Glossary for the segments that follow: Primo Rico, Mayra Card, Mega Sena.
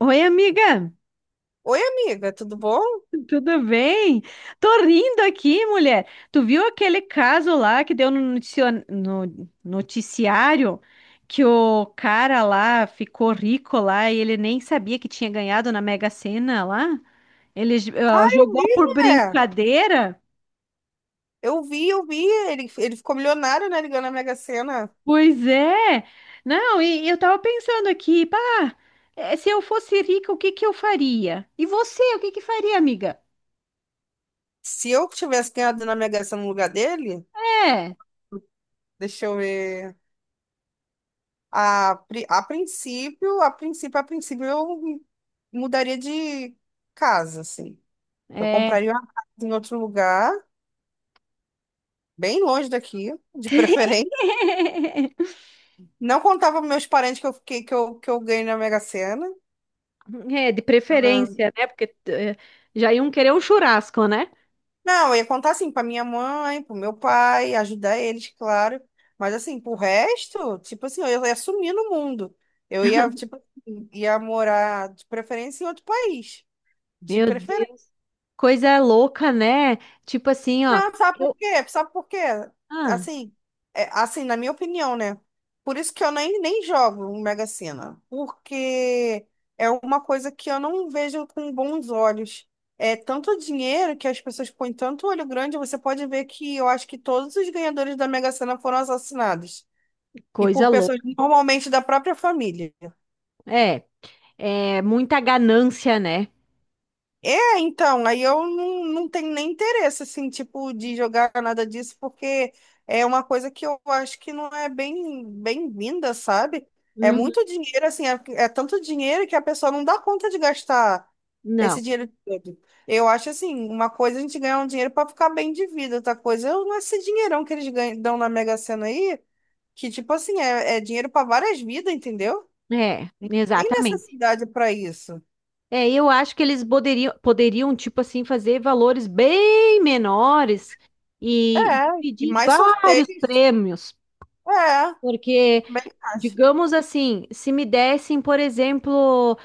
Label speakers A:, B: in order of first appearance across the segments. A: Oi, amiga,
B: Oi, amiga, tudo bom? Eu
A: tudo bem? Tô rindo aqui, mulher. Tu viu aquele caso lá que deu no noticiário que o cara lá ficou rico lá e ele nem sabia que tinha ganhado na Mega Sena lá? Ele ó, jogou
B: vi,
A: por
B: né?
A: brincadeira?
B: Eu vi, eu vi. Ele ficou milionário, né? Ligando ganhou na Mega Sena.
A: Pois é. Não, e eu tava pensando aqui, pá, se eu fosse rica, o que que eu faria? E você, o que que faria, amiga?
B: Se eu tivesse ganhado na Mega Sena no lugar dele,
A: É,
B: deixa eu ver. A, pri- a princípio, a princípio, a princípio, eu mudaria de casa, assim. Eu
A: é.
B: compraria uma casa em outro lugar, bem longe daqui, de preferência. Não contava para meus parentes que eu fiquei, que eu ganhei na Mega Sena.
A: É, de preferência, né? Porque já iam querer um churrasco, né?
B: Não, eu ia contar assim pra minha mãe, pro meu pai, ajudar eles, claro. Mas assim, pro resto, tipo assim, eu ia sumir no mundo. Eu ia, tipo, assim, ia morar de preferência em outro país. De
A: Meu Deus, coisa louca, né? Tipo assim, ó,
B: Não, sabe por
A: eu,
B: quê? Sabe por quê?
A: ah,
B: Assim, é, assim, na minha opinião, né? Por isso que eu nem jogo no Mega Sena, porque é uma coisa que eu não vejo com bons olhos. É tanto dinheiro que as pessoas põem tanto olho grande, você pode ver que eu acho que todos os ganhadores da Mega Sena foram assassinados. E
A: coisa
B: por pessoas
A: louca.
B: normalmente da própria família.
A: É, é muita ganância, né?
B: É, então, aí eu não tenho nem interesse, assim, tipo, de jogar nada disso, porque é uma coisa que eu acho que não é bem-vinda, sabe? É
A: Uhum.
B: muito dinheiro, assim, é tanto dinheiro que a pessoa não dá conta de gastar
A: Não,
B: esse dinheiro todo. Eu acho, assim, uma coisa a gente ganhar um dinheiro para ficar bem de vida, outra coisa é esse dinheirão que eles ganham, dão na Mega Sena aí, que, tipo assim, é dinheiro para várias vidas, entendeu?
A: é,
B: Tem
A: exatamente.
B: necessidade para isso.
A: É, eu acho que eles poderiam, poderiam, tipo assim, fazer valores bem menores e
B: É, e
A: dividir em
B: mais
A: vários
B: sorteios.
A: prêmios,
B: É.
A: porque
B: Bem acho.
A: digamos assim, se me dessem, por exemplo,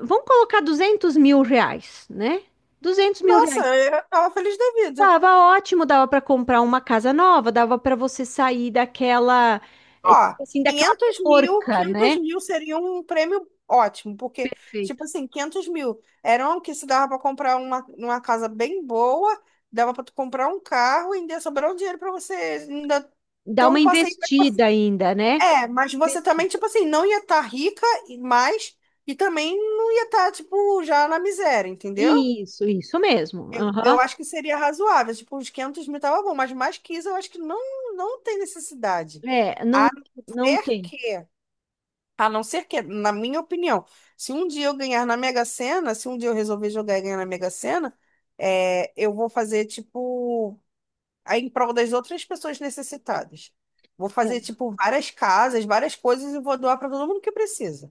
A: vamos colocar R$ 200.000, né? duzentos mil
B: Nossa,
A: reais.
B: eu tava feliz da vida.
A: Tava ótimo, dava para comprar uma casa nova, dava para você sair daquela,
B: Ó,
A: tipo assim, daquela
B: 500 mil,
A: porca,
B: 500
A: né?
B: mil seria um prêmio ótimo, porque, tipo
A: Perfeito.
B: assim, 500 mil eram o que se dava para comprar uma casa bem boa, dava para tu comprar um carro e ainda sobrar um dinheiro para você ainda
A: Dar
B: ter
A: uma
B: um passeio.
A: investida ainda, né?
B: É, mas você
A: Investir.
B: também, tipo assim, não ia estar rica, e mais e também não ia estar, tipo, já na miséria, entendeu?
A: Isso mesmo.
B: Eu,
A: Aham.
B: eu acho que seria razoável, tipo, uns 500 mil tava bom, mas mais que isso eu acho que não, não tem necessidade.
A: É, não,
B: A não
A: não
B: ser
A: tem.
B: que, a não ser que, na minha opinião, se um dia eu ganhar na Mega Sena, se um dia eu resolver jogar e ganhar na Mega Sena, é, eu vou fazer, tipo, aí em prol das outras pessoas necessitadas. Vou
A: É.
B: fazer, tipo, várias casas, várias coisas e vou doar para todo mundo que precisa.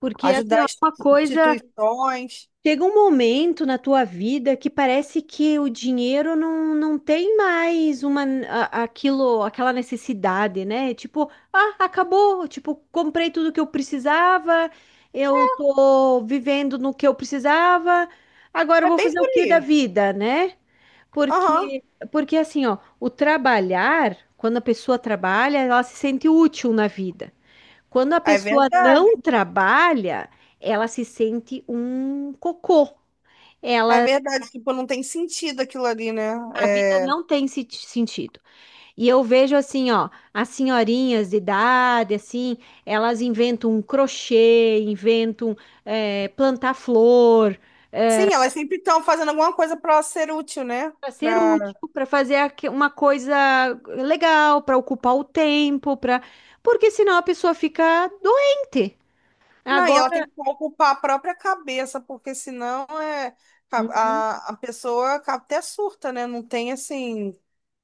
A: Porque assim,
B: Ajudar
A: ó,
B: as
A: uma coisa.
B: instituições.
A: Chega um momento na tua vida que parece que o dinheiro não tem mais aquela necessidade, né? Tipo, ah, acabou, tipo, comprei tudo que eu precisava, eu tô vivendo no que eu precisava, agora eu
B: É
A: vou
B: bem
A: fazer o
B: por
A: que da
B: aí.
A: vida, né?
B: Aham,
A: Porque porque assim, ó, o trabalhar, quando a pessoa trabalha, ela se sente útil na vida. Quando a
B: é
A: pessoa
B: verdade.
A: não trabalha, ela se sente um cocô.
B: É
A: Ela,
B: verdade, tipo, não tem sentido aquilo ali, né?
A: a vida
B: É...
A: não tem sentido. E eu vejo assim, ó, as senhorinhas de idade, assim, elas inventam um crochê, inventam plantar flor,
B: Sim, elas sempre estão fazendo alguma coisa para ser útil, né?
A: para ser
B: Pra...
A: útil, para fazer uma coisa legal, para ocupar o tempo, para porque senão a pessoa fica doente.
B: Não, e ela tem
A: Agora,
B: que ocupar a própria cabeça, porque senão é...
A: uhum.
B: a, a pessoa acaba- até surta, né? Não tem assim.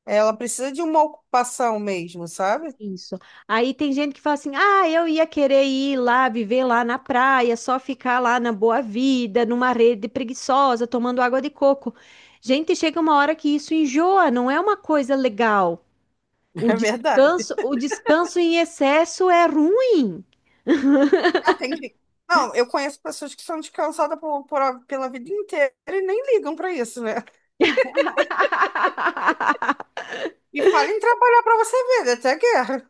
B: Ela precisa de uma ocupação mesmo, sabe?
A: Isso. Aí tem gente que fala assim: ah, eu ia querer ir lá, viver lá na praia, só ficar lá na boa vida, numa rede preguiçosa, tomando água de coco. Gente, chega uma hora que isso enjoa, não é uma coisa legal.
B: É verdade.
A: O descanso em excesso é ruim.
B: Ela tem que- Não, eu conheço pessoas que são descansadas pela vida inteira e nem ligam para isso, né? E falam em trabalhar para você ver, né? Até guerra.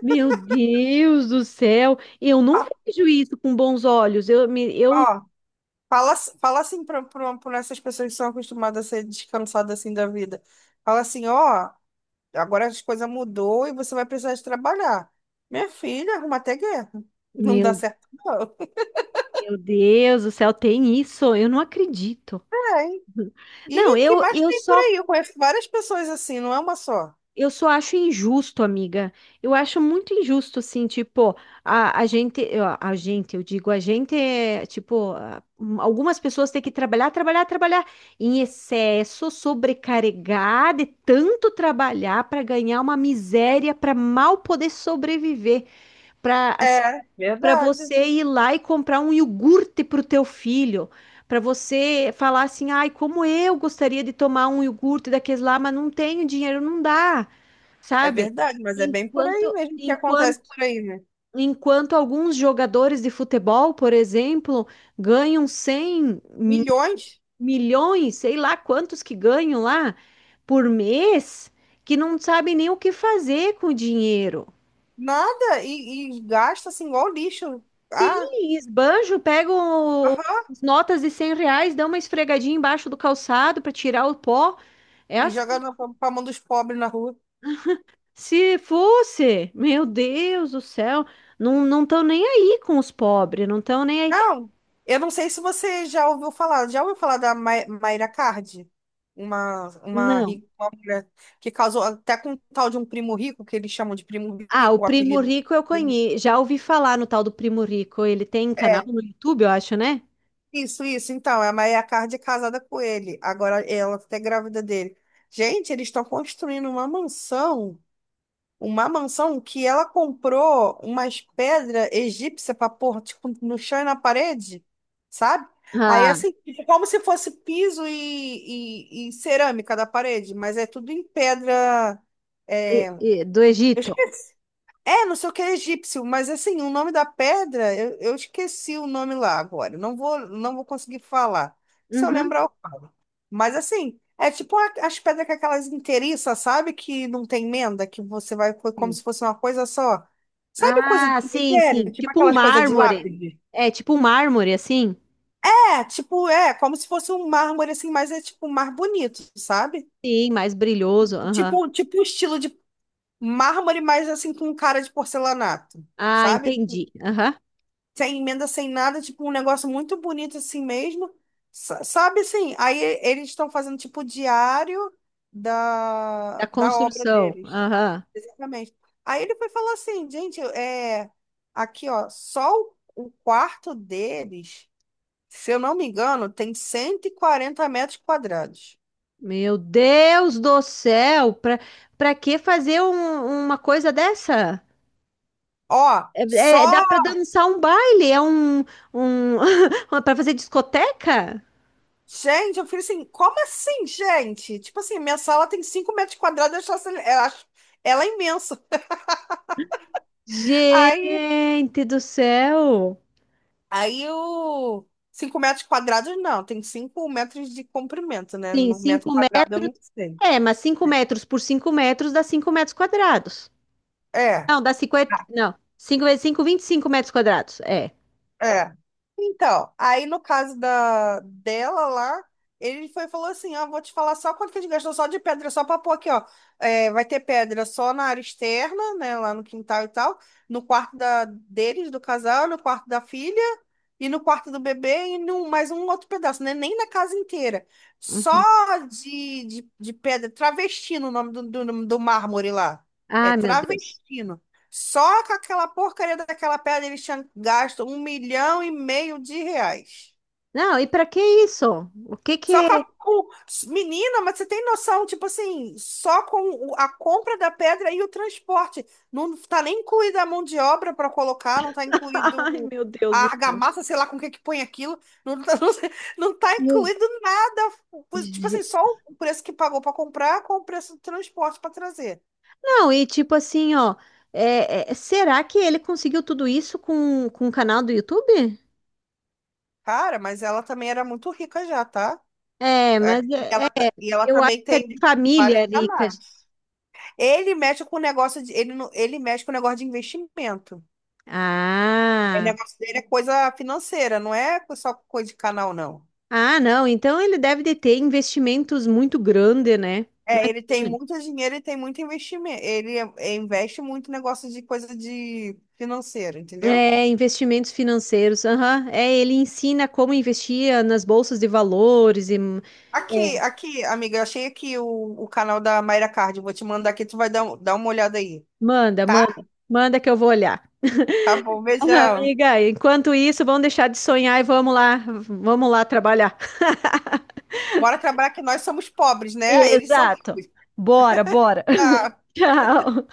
A: Meu Deus do céu, eu não vejo isso com bons olhos. Eu, me- eu,
B: Ó, Fala assim para essas pessoas que são acostumadas a ser descansadas assim da vida. Fala assim, ó, agora as coisas mudou e você vai precisar de trabalhar. Minha filha, arruma até guerra. Não dá
A: meu,
B: certo, não.
A: meu Deus do céu, tem isso? Eu não acredito.
B: É, hein?
A: Não,
B: E que mais tem por aí? Eu conheço várias pessoas assim, não é uma só.
A: eu só acho injusto, amiga. Eu acho muito injusto, assim, tipo, a gente, eu digo, a gente é, tipo, algumas pessoas têm que trabalhar, trabalhar, trabalhar em excesso, sobrecarregar de tanto trabalhar para ganhar uma miséria, para mal poder sobreviver, para
B: É,
A: para
B: verdade.
A: você ir lá e comprar um iogurte para o teu filho. Para você falar assim, ai, como eu gostaria de tomar um iogurte daqueles lá, mas não tenho dinheiro, não dá,
B: É
A: sabe?
B: verdade, mas é bem por aí
A: Enquanto,
B: mesmo que acontece
A: enquanto,
B: por aí, né?
A: enquanto alguns jogadores de futebol, por exemplo, ganham cem
B: Milhões,
A: milhões, sei lá quantos que ganham lá por mês, que não sabem nem o que fazer com o dinheiro.
B: nada, e gasta assim igual lixo. Ah,
A: Sim, esbanjo, pegam
B: aham,
A: as notas de R$ 100, dão uma esfregadinha embaixo do calçado para tirar o pó. É
B: e joga
A: assim.
B: na- pra mão dos pobres na rua.
A: Se fosse, meu Deus do céu, não estão nem aí com os pobres, não estão nem aí.
B: Não, eu não sei se você já ouviu falar. Já ouviu falar da Mai- Mayra Card? Uma, uma,
A: Não.
B: rica, uma mulher que casou até com um tal de um primo rico, que eles chamam de primo
A: Ah, o
B: rico, o
A: Primo
B: apelido.
A: Rico eu conheço. Já ouvi falar no tal do Primo Rico. Ele tem canal
B: É,
A: no YouTube, eu acho, né?
B: isso. Então, é a Mayra Card é casada com ele. Agora ela tá grávida dele. Gente, eles estão construindo uma mansão. Uma mansão que ela comprou umas pedras egípcias para pôr, tipo, no chão e na parede, sabe? Aí,
A: Ah,
B: assim, fica como se fosse piso e cerâmica da parede, mas é tudo em pedra. É,
A: e-
B: eu
A: do Egito.
B: esqueci. É, não sei o que é egípcio, mas assim, o nome da pedra, eu esqueci o nome lá agora. Não vou conseguir falar. Se eu
A: Uhum,
B: lembrar, eu mas assim, é tipo a- as pedras com aquelas inteiriças, sabe? Que não tem emenda, que você vai foi como
A: sim.
B: se fosse uma coisa só. Sabe coisa de
A: Ah, sim,
B: cemitério?
A: sim.
B: Tipo
A: Tipo um
B: aquelas coisas de
A: mármore.
B: lápide?
A: É, tipo um mármore, assim?
B: É, tipo, é, como se fosse um mármore assim, mas é tipo um mar bonito, sabe?
A: Sim, mais brilhoso. Aham.
B: Tipo um estilo de mármore, mas assim com cara de porcelanato,
A: Ah,
B: sabe?
A: entendi. Aham.
B: Sem emenda, sem nada, tipo um negócio muito bonito assim mesmo. Sa- Sabe assim, aí eles estão fazendo tipo diário da,
A: Da
B: da obra
A: construção.
B: deles.
A: Aham.
B: Exatamente. Aí ele foi falar assim, gente, é, aqui ó, só o quarto deles, se eu não me engano, tem 140 m².
A: Meu Deus do céu! Pra que fazer uma coisa dessa?
B: Ó, só.
A: É, dá pra dançar um baile, é um para fazer discoteca?
B: Gente, eu falei assim, como assim, gente? Tipo assim, minha sala tem 5 m², eu acho essa- eu acho ela é imensa. Aí,
A: Gente do céu!
B: aí o 5 m², não, tem 5 m de comprimento, né?
A: Sim,
B: No metro
A: 5
B: quadrado eu
A: metros.
B: não sei.
A: É, mas 5 metros por 5 metros dá 5 metros quadrados.
B: É.
A: Não, dá 50. Não, 5 vezes cinco, 25 metros quadrados. É.
B: É. Então, aí no caso da dela lá, ele foi e falou assim, ó, vou te falar só quanto que a gente gastou só de pedra, só pra pôr aqui, ó. É, vai ter pedra só na área externa, né, lá no quintal e tal, no quarto da, deles, do casal, no quarto da filha, e no quarto do bebê, e num, mais um outro pedaço, né, nem na casa inteira. Só
A: Uhum.
B: de pedra, travestino o nome do mármore lá. É
A: Ai, meu Deus.
B: travestino. Só com aquela porcaria daquela pedra eles tinham gasto um milhão e meio de reais.
A: Não, e pra que isso? O que que
B: Só
A: é?
B: com a... o- Menina, mas você tem noção, tipo assim, só com o- a compra da pedra e o transporte. Não tá nem incluída a mão de obra para colocar, não tá incluído
A: Ai,
B: o-
A: meu
B: a
A: Deus do céu.
B: argamassa, sei lá com o que que põe aquilo. Não tá, não, sei- não tá
A: Meu...
B: incluído nada. Pois, tipo assim, só o preço que pagou para comprar com o preço do transporte para trazer.
A: Não, e tipo assim, ó, será que ele conseguiu tudo isso com o canal do YouTube?
B: Cara, mas ela também era muito rica já, tá?
A: É,
B: É,
A: mas
B: e
A: é,
B: ela, ta- e ela
A: eu acho
B: também
A: que é de
B: tem vários
A: família rica.
B: canais. Ele mexe com o negócio de, ele, não- ele mexe com o negócio de investimento. O
A: Ah,
B: negócio dele é coisa financeira, não é só coisa de canal, não.
A: ah, não, então ele deve de ter investimentos muito grandes, né?
B: É, ele tem
A: Imagina.
B: muito dinheiro e tem muito investimento. Ele é, investe muito em negócio de coisa de financeira, entendeu?
A: É, investimentos financeiros, aham. É, ele ensina como investir nas bolsas de valores. E, é,
B: Aqui, amiga, eu achei aqui o canal da Mayra Card. Vou te mandar aqui, tu vai dar, um- dar uma olhada aí,
A: manda,
B: tá?
A: manda, manda que eu vou olhar.
B: Tá bom, beijão.
A: Amiga, enquanto isso, vamos deixar de sonhar e vamos lá trabalhar.
B: Bora trabalhar que nós somos pobres, né? Eles são
A: Exato.
B: ricos.
A: Bora, bora.
B: Tá.
A: Tchau.